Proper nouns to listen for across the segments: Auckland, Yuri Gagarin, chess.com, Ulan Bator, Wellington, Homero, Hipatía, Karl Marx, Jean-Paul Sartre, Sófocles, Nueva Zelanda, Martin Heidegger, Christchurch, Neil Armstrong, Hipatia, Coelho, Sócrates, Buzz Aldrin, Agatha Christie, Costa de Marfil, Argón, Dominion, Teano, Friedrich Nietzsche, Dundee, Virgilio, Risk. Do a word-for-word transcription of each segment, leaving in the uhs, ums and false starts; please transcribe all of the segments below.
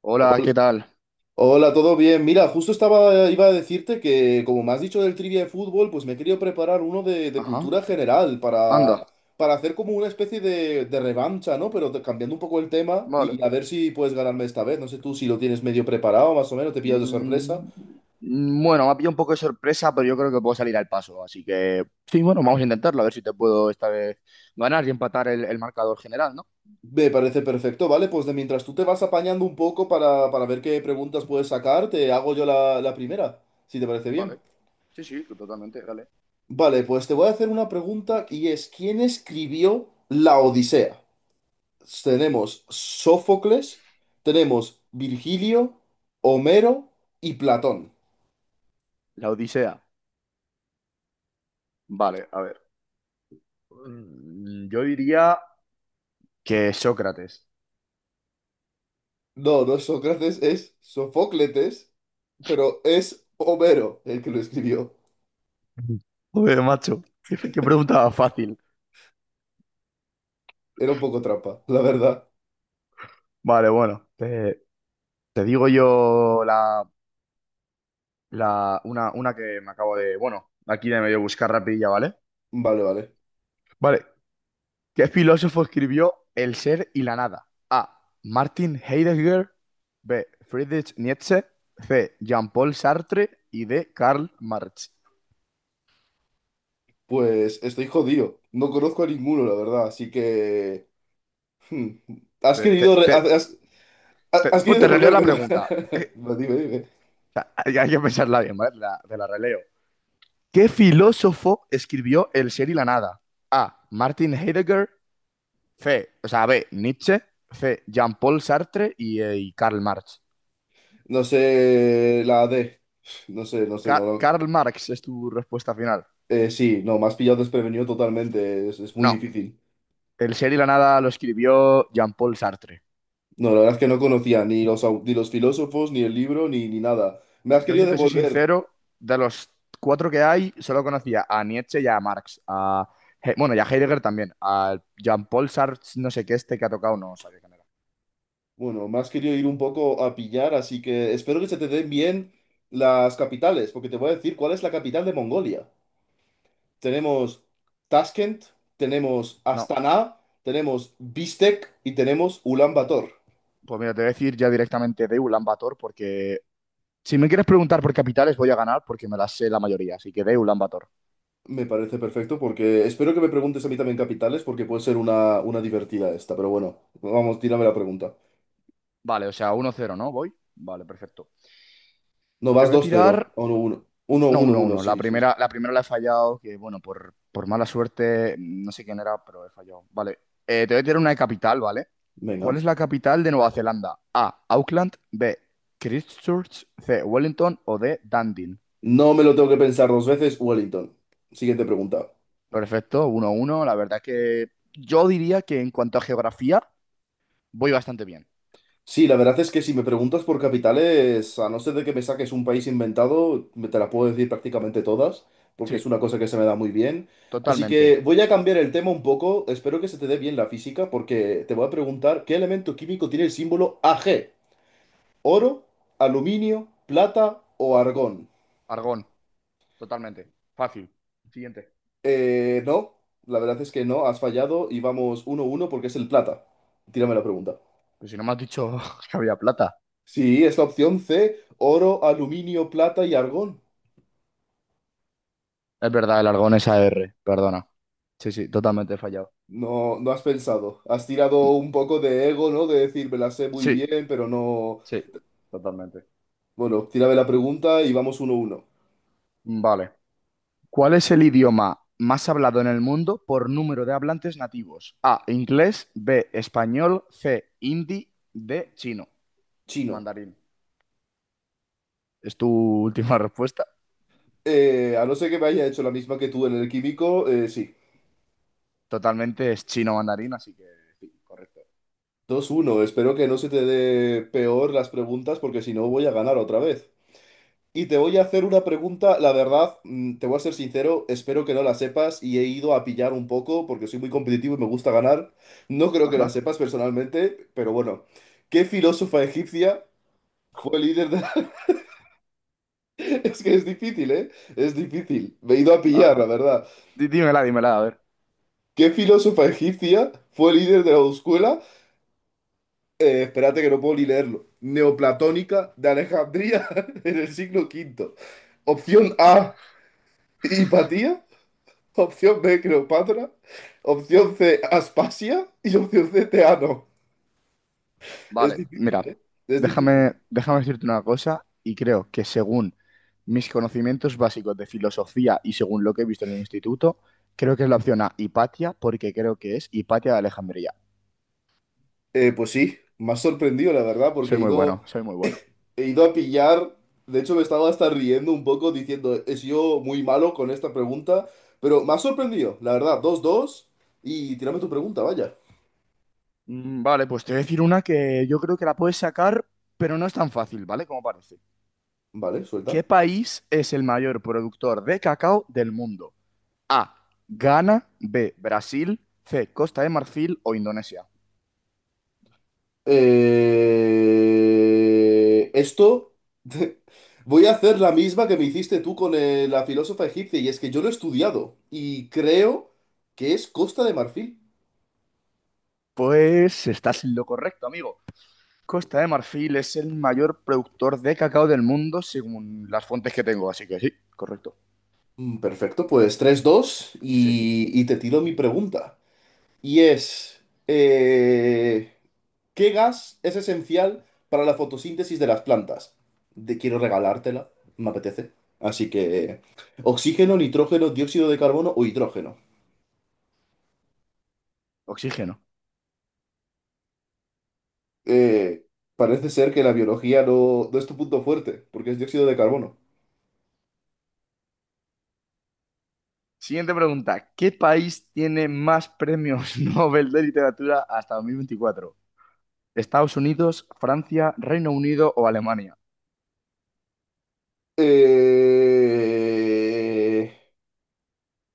Hola, ¿qué Hol- tal? Hola, ¿todo bien? Mira, justo estaba, iba a decirte que, como me has dicho del trivia de fútbol, pues me he querido preparar uno de, de Ajá, cultura general anda, para, para hacer como una especie de, de revancha, ¿no? Pero te- cambiando un poco el tema vale. y a ver si puedes ganarme esta vez. No sé tú si lo tienes medio preparado, más o menos, te pillas de sorpresa. Mm, mm, bueno, me ha pillado un poco de sorpresa, pero yo creo que puedo salir al paso. Así que, sí, bueno, vamos a intentarlo, a ver si te puedo esta vez ganar y empatar el, el marcador general, ¿no? Me parece perfecto, ¿vale? Pues de mientras tú te vas apañando un poco para, para ver qué preguntas puedes sacar, te hago yo la, la primera, si te parece bien. Vale, sí, sí, totalmente, dale. Vale, pues te voy a hacer una pregunta y es, ¿quién escribió La Odisea? Tenemos Sófocles, tenemos Virgilio, Homero y Platón. La Odisea. Vale, a ver. Mm, yo diría que Sócrates. No, no es Sócrates, es Sofócletes, pero es Homero el que lo escribió. Mm. Joder, macho, qué, qué pregunta fácil. Era un poco trampa, la verdad. Vale, bueno, te, te digo yo La, una, una que me acabo de, bueno, aquí de medio buscar rapidilla, ¿vale? Vale, vale. Vale. ¿Qué filósofo escribió El ser y la nada? A. Martin Heidegger. B. Friedrich Nietzsche. C. Jean-Paul Sartre. Y D. Karl Marx. Pues estoy jodido. No conozco a ninguno, la verdad, así que... hmm, Has Te, te, querido... re- te, Has, has- te- has pues querido te releo la devolvérmela. pregunta. Eh, Dime, dime. o sea, hay, hay que pensarla bien, ¿vale? La- te la releo. ¿Qué filósofo escribió El ser y la nada? A. Martin Heidegger. C. O sea, B. Nietzsche. C. Jean-Paul Sartre y, eh, y Karl Marx. No sé la de. No sé, no sé, no, Ca- no. Karl Marx es tu respuesta final. Eh, sí, no, más pillado desprevenido totalmente, es, es muy No, difícil. el ser y la nada lo escribió Jean-Paul Sartre. No, la verdad es que no conocía ni los, au- ni los filósofos, ni el libro, ni, ni nada. Me has Yo, querido si te soy devolver, sincero, de los cuatro que hay, solo conocía a Nietzsche y a Marx. A He- bueno, y a Heidegger también. A Jean-Paul Sartre, no sé qué, este que ha tocado, no sabía quién era. bueno, me has querido ir un poco a pillar, así que espero que se te den bien las capitales, porque te voy a decir cuál es la capital de Mongolia. Tenemos Tashkent, tenemos No, Astana, tenemos Bishkek y tenemos Ulan Bator. pues mira, te voy a decir ya directamente de Ulan Bator, porque si me quieres preguntar por capitales, voy a ganar porque me las sé la mayoría. Así que de Ulan Bator. Me parece perfecto porque espero que me preguntes a mí también capitales, porque puede ser una, una divertida esta, pero bueno, vamos, tírame la pregunta. Vale, o sea, uno cero, ¿no? Voy. Vale, perfecto. No, Te vas voy a dos cero, tirar. uno, uno, uno, No, uno, uno, uno, uno. La sí, sí, sí. primera, la primera la he fallado, que bueno, por, por mala suerte, no sé quién era, pero he fallado. Vale. Eh, te voy a tirar una de capital, ¿vale? ¿Cuál Venga. es la capital de Nueva Zelanda? A. Auckland. B. Christchurch. C. Wellington. O D. Dundee. No me lo tengo que pensar dos veces, Wellington. Siguiente pregunta. Perfecto, uno, uno. La verdad que yo diría que en cuanto a geografía, voy bastante bien. Sí, la verdad es que si me preguntas por capitales, a no ser de que me saques un país inventado, me te la puedo decir prácticamente todas, porque Sí, es una cosa que se me da muy bien. Así que totalmente. voy a cambiar el tema un poco. Espero que se te dé bien la física, porque te voy a preguntar qué elemento químico tiene el símbolo a ge. ¿Oro, aluminio, plata o argón? Argón, totalmente. Fácil. Siguiente. Eh, no, la verdad es que no, has fallado y vamos uno uno porque es el plata. Tírame la pregunta. Pues si no me has dicho que había plata. Sí, es la opción ce, oro, aluminio, plata y argón. Es verdad, el argón es A R. Perdona. Sí, sí, totalmente fallado. No, no has pensado. Has tirado Sí, un poco de ego, ¿no? De decir, me la sé muy bien, pero no. sí, totalmente. Bueno, tírame la pregunta y vamos uno uno. Vale. ¿Cuál es el idioma más hablado en el mundo por número de hablantes nativos? A, inglés, B, español, C, hindi, D, chino, Chino. mandarín. ¿Es tu última respuesta? Eh, a no ser que me haya hecho la misma que tú en el químico, eh, sí. Totalmente es chino mandarín, así que sí, correcto. Dos uno. Espero que no se te dé peor las preguntas porque si no voy a ganar otra vez. Y te voy a hacer una pregunta, la verdad, mm, te voy a ser sincero, espero que no la sepas y he ido a pillar un poco porque soy muy competitivo y me gusta ganar. No creo que la Ajá. sepas personalmente, pero bueno, ¿qué filósofa egipcia Joder, fue líder de... Es que es difícil, ¿eh? Es difícil. Me he ido a pillar, ajá. la verdad. Dí- Dímela, dímela, a ver. ¿Qué filósofa egipcia fue líder de la escuela? Eh, espérate que no puedo ni leerlo. Neoplatónica de Alejandría en el siglo quinto. Opción A, Hipatía. Opción be, Cleopatra. Opción C, Aspasia. Y opción ce, Teano. Es Vale, difícil, mira, ¿eh? Es difícil. déjame, déjame decirte una cosa y creo que según mis conocimientos básicos de filosofía y según lo que he visto en el instituto, creo que es la opción A, Hipatia, porque creo que es Hipatia de Alejandría. Eh, pues sí, me ha sorprendido, la verdad, porque Soy he muy ido, bueno, soy muy bueno. he ido a pillar. De hecho, me estaba hasta riendo un poco diciendo, he sido muy malo con esta pregunta. Pero me ha sorprendido, la verdad. Dos dos. Y tírame tu pregunta, vaya. Mm, Vale, pues te voy a decir una que yo creo que la puedes sacar, pero no es tan fácil, ¿vale? Como parece. Vale, ¿Qué suelta. país es el mayor productor de cacao del mundo? A, Ghana, B, Brasil, C, Costa de Marfil o Indonesia. Eh, esto, voy a hacer la misma que me hiciste tú con eh, la filósofa egipcia, y es que yo lo he estudiado y creo que es Costa de Marfil. Pues estás en lo correcto, amigo. Costa de Marfil es el mayor productor de cacao del mundo según las fuentes que tengo, así que sí, correcto. Mm, Perfecto, pues tres dos Sí, y, y te tiro mi pregunta. Y es, eh, ¿qué gas es esencial para la fotosíntesis de las plantas? Te quiero regalártela, me apetece. Así que, ¿oxígeno, nitrógeno, dióxido de carbono o hidrógeno? oxígeno. eh, Parece ser que la biología no, no es tu punto fuerte, porque es dióxido de carbono. Siguiente pregunta. ¿Qué país tiene más premios Nobel de literatura hasta dos mil veinticuatro? ¿Estados Unidos, Francia, Reino Unido o Alemania? Eh,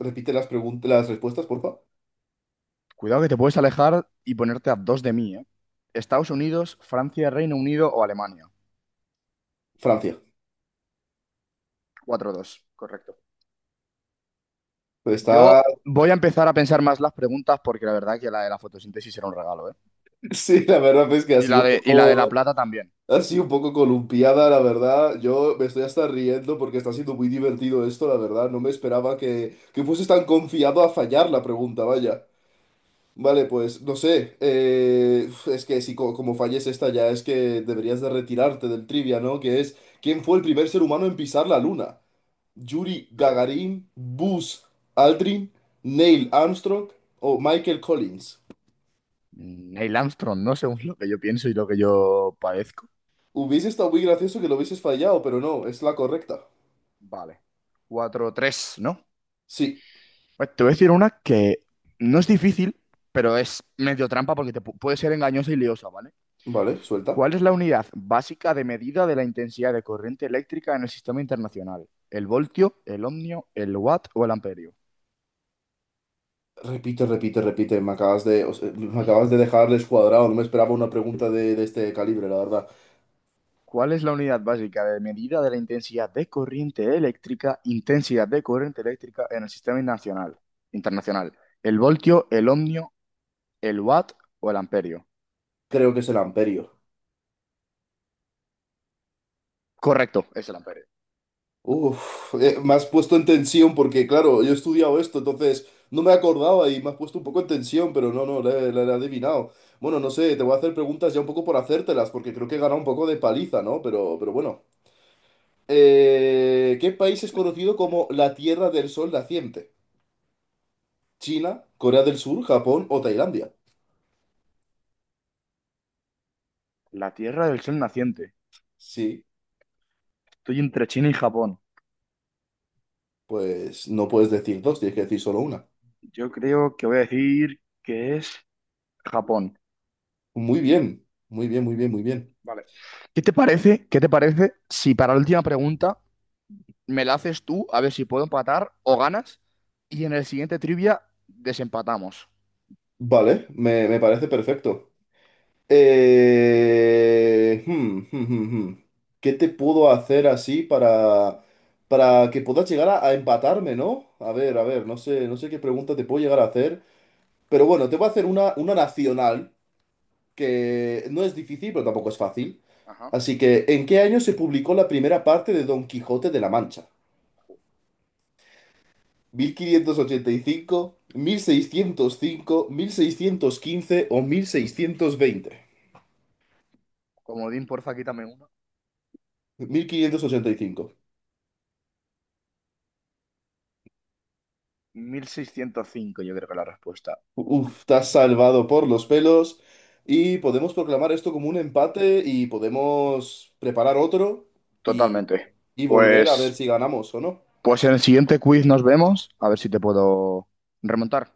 Repite las preguntas, las respuestas, por favor. Cuidado que te puedes alejar y ponerte a dos de mí, ¿eh? Estados Unidos, Francia, Reino Unido o Alemania. Francia. cuatro dos, correcto. Pues está, Yo voy a empezar a pensar más las preguntas porque la verdad que la de la fotosíntesis era un regalo, ¿eh? sí, la verdad es que ha Y sido la un de, y la de La poco, Plata también. ha sido un poco columpiada, la verdad. Yo me estoy hasta riendo porque está siendo muy divertido esto, la verdad. No me esperaba que, que fuese tan confiado a fallar la pregunta, Sí, vaya. Vale, pues no sé. Eh, uf, es que si co- como falles esta ya es que deberías de retirarte del trivia, ¿no? Que es, ¿quién fue el primer ser humano en pisar la luna? ¿Yuri eh, Gagarin, Buzz Aldrin, Neil Armstrong o Michael Collins? Neil Armstrong, ¿no? Según lo que yo pienso y lo que yo padezco. Hubiese estado muy gracioso que lo hubieses fallado, pero no, es la correcta. Vale. Cuatro tres, ¿no? Sí, Pues te voy a decir una que no es difícil, pero es medio trampa porque te pu- puede ser engañosa y liosa, ¿vale? vale, suelta. ¿Cuál es la unidad básica de medida de la intensidad de corriente eléctrica en el sistema internacional? ¿El voltio, el ohmio, el watt o el amperio? Repite, repite, repite. Me acabas de, o sea, me acabas de dejar descuadrado. No me esperaba una pregunta de, de este calibre, la verdad. ¿Cuál es la unidad básica de medida de la intensidad de corriente eléctrica, intensidad de corriente eléctrica en el sistema nacional, internacional? ¿El voltio, el ohmio, el watt o el amperio? Creo que es el amperio. Correcto, es el amperio. Uf, eh, me has puesto en tensión porque, claro, yo he estudiado esto, entonces no me acordaba y me has puesto un poco en tensión, pero no, no, la he la he adivinado. Bueno, no sé, te voy a hacer preguntas ya un poco por hacértelas, porque creo que he ganado un poco de paliza, ¿no? Pero, pero bueno. Eh, ¿qué país es conocido como la Tierra del Sol Naciente? ¿China, Corea del Sur, Japón o Tailandia? La Tierra del Sol naciente. Sí, Estoy entre China y Japón. pues no puedes decir dos, tienes que decir solo una. Yo creo que voy a decir que es Japón. Muy bien, muy bien, muy bien, muy bien. Vale. ¿Qué te parece? ¿Qué te parece si para la última pregunta me la haces tú a ver si puedo empatar o ganas y en el siguiente trivia desempatamos? Vale, me, me parece perfecto. Eh, hmm, hmm, hmm, hmm. ¿Qué te puedo hacer así para, para que puedas llegar a, a empatarme, ¿no? A ver, a ver, no sé, no sé qué pregunta te puedo llegar a hacer, pero bueno, te voy a hacer una, una nacional que no es difícil, pero tampoco es fácil. Ajá. Así que, ¿en qué año se publicó la primera parte de Don Quijote de la Mancha? Mil mil quinientos ochenta y cinco, cinco, mil seiscientos cinco, mil seiscientos quince o mil Mil seiscientos veinte? Comodín, porfa, quítame uno. Mil quinientos ochenta y cinco. Mil seiscientos cinco yo creo que la respuesta. Uf, estás salvado por los pelos y podemos proclamar esto como un empate y podemos preparar otro y, Totalmente. y volver a ver Pues, si ganamos o no. pues en el siguiente quiz nos vemos. A ver si te puedo remontar.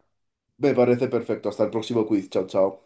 Me parece perfecto. Hasta el próximo quiz. Chao, chao.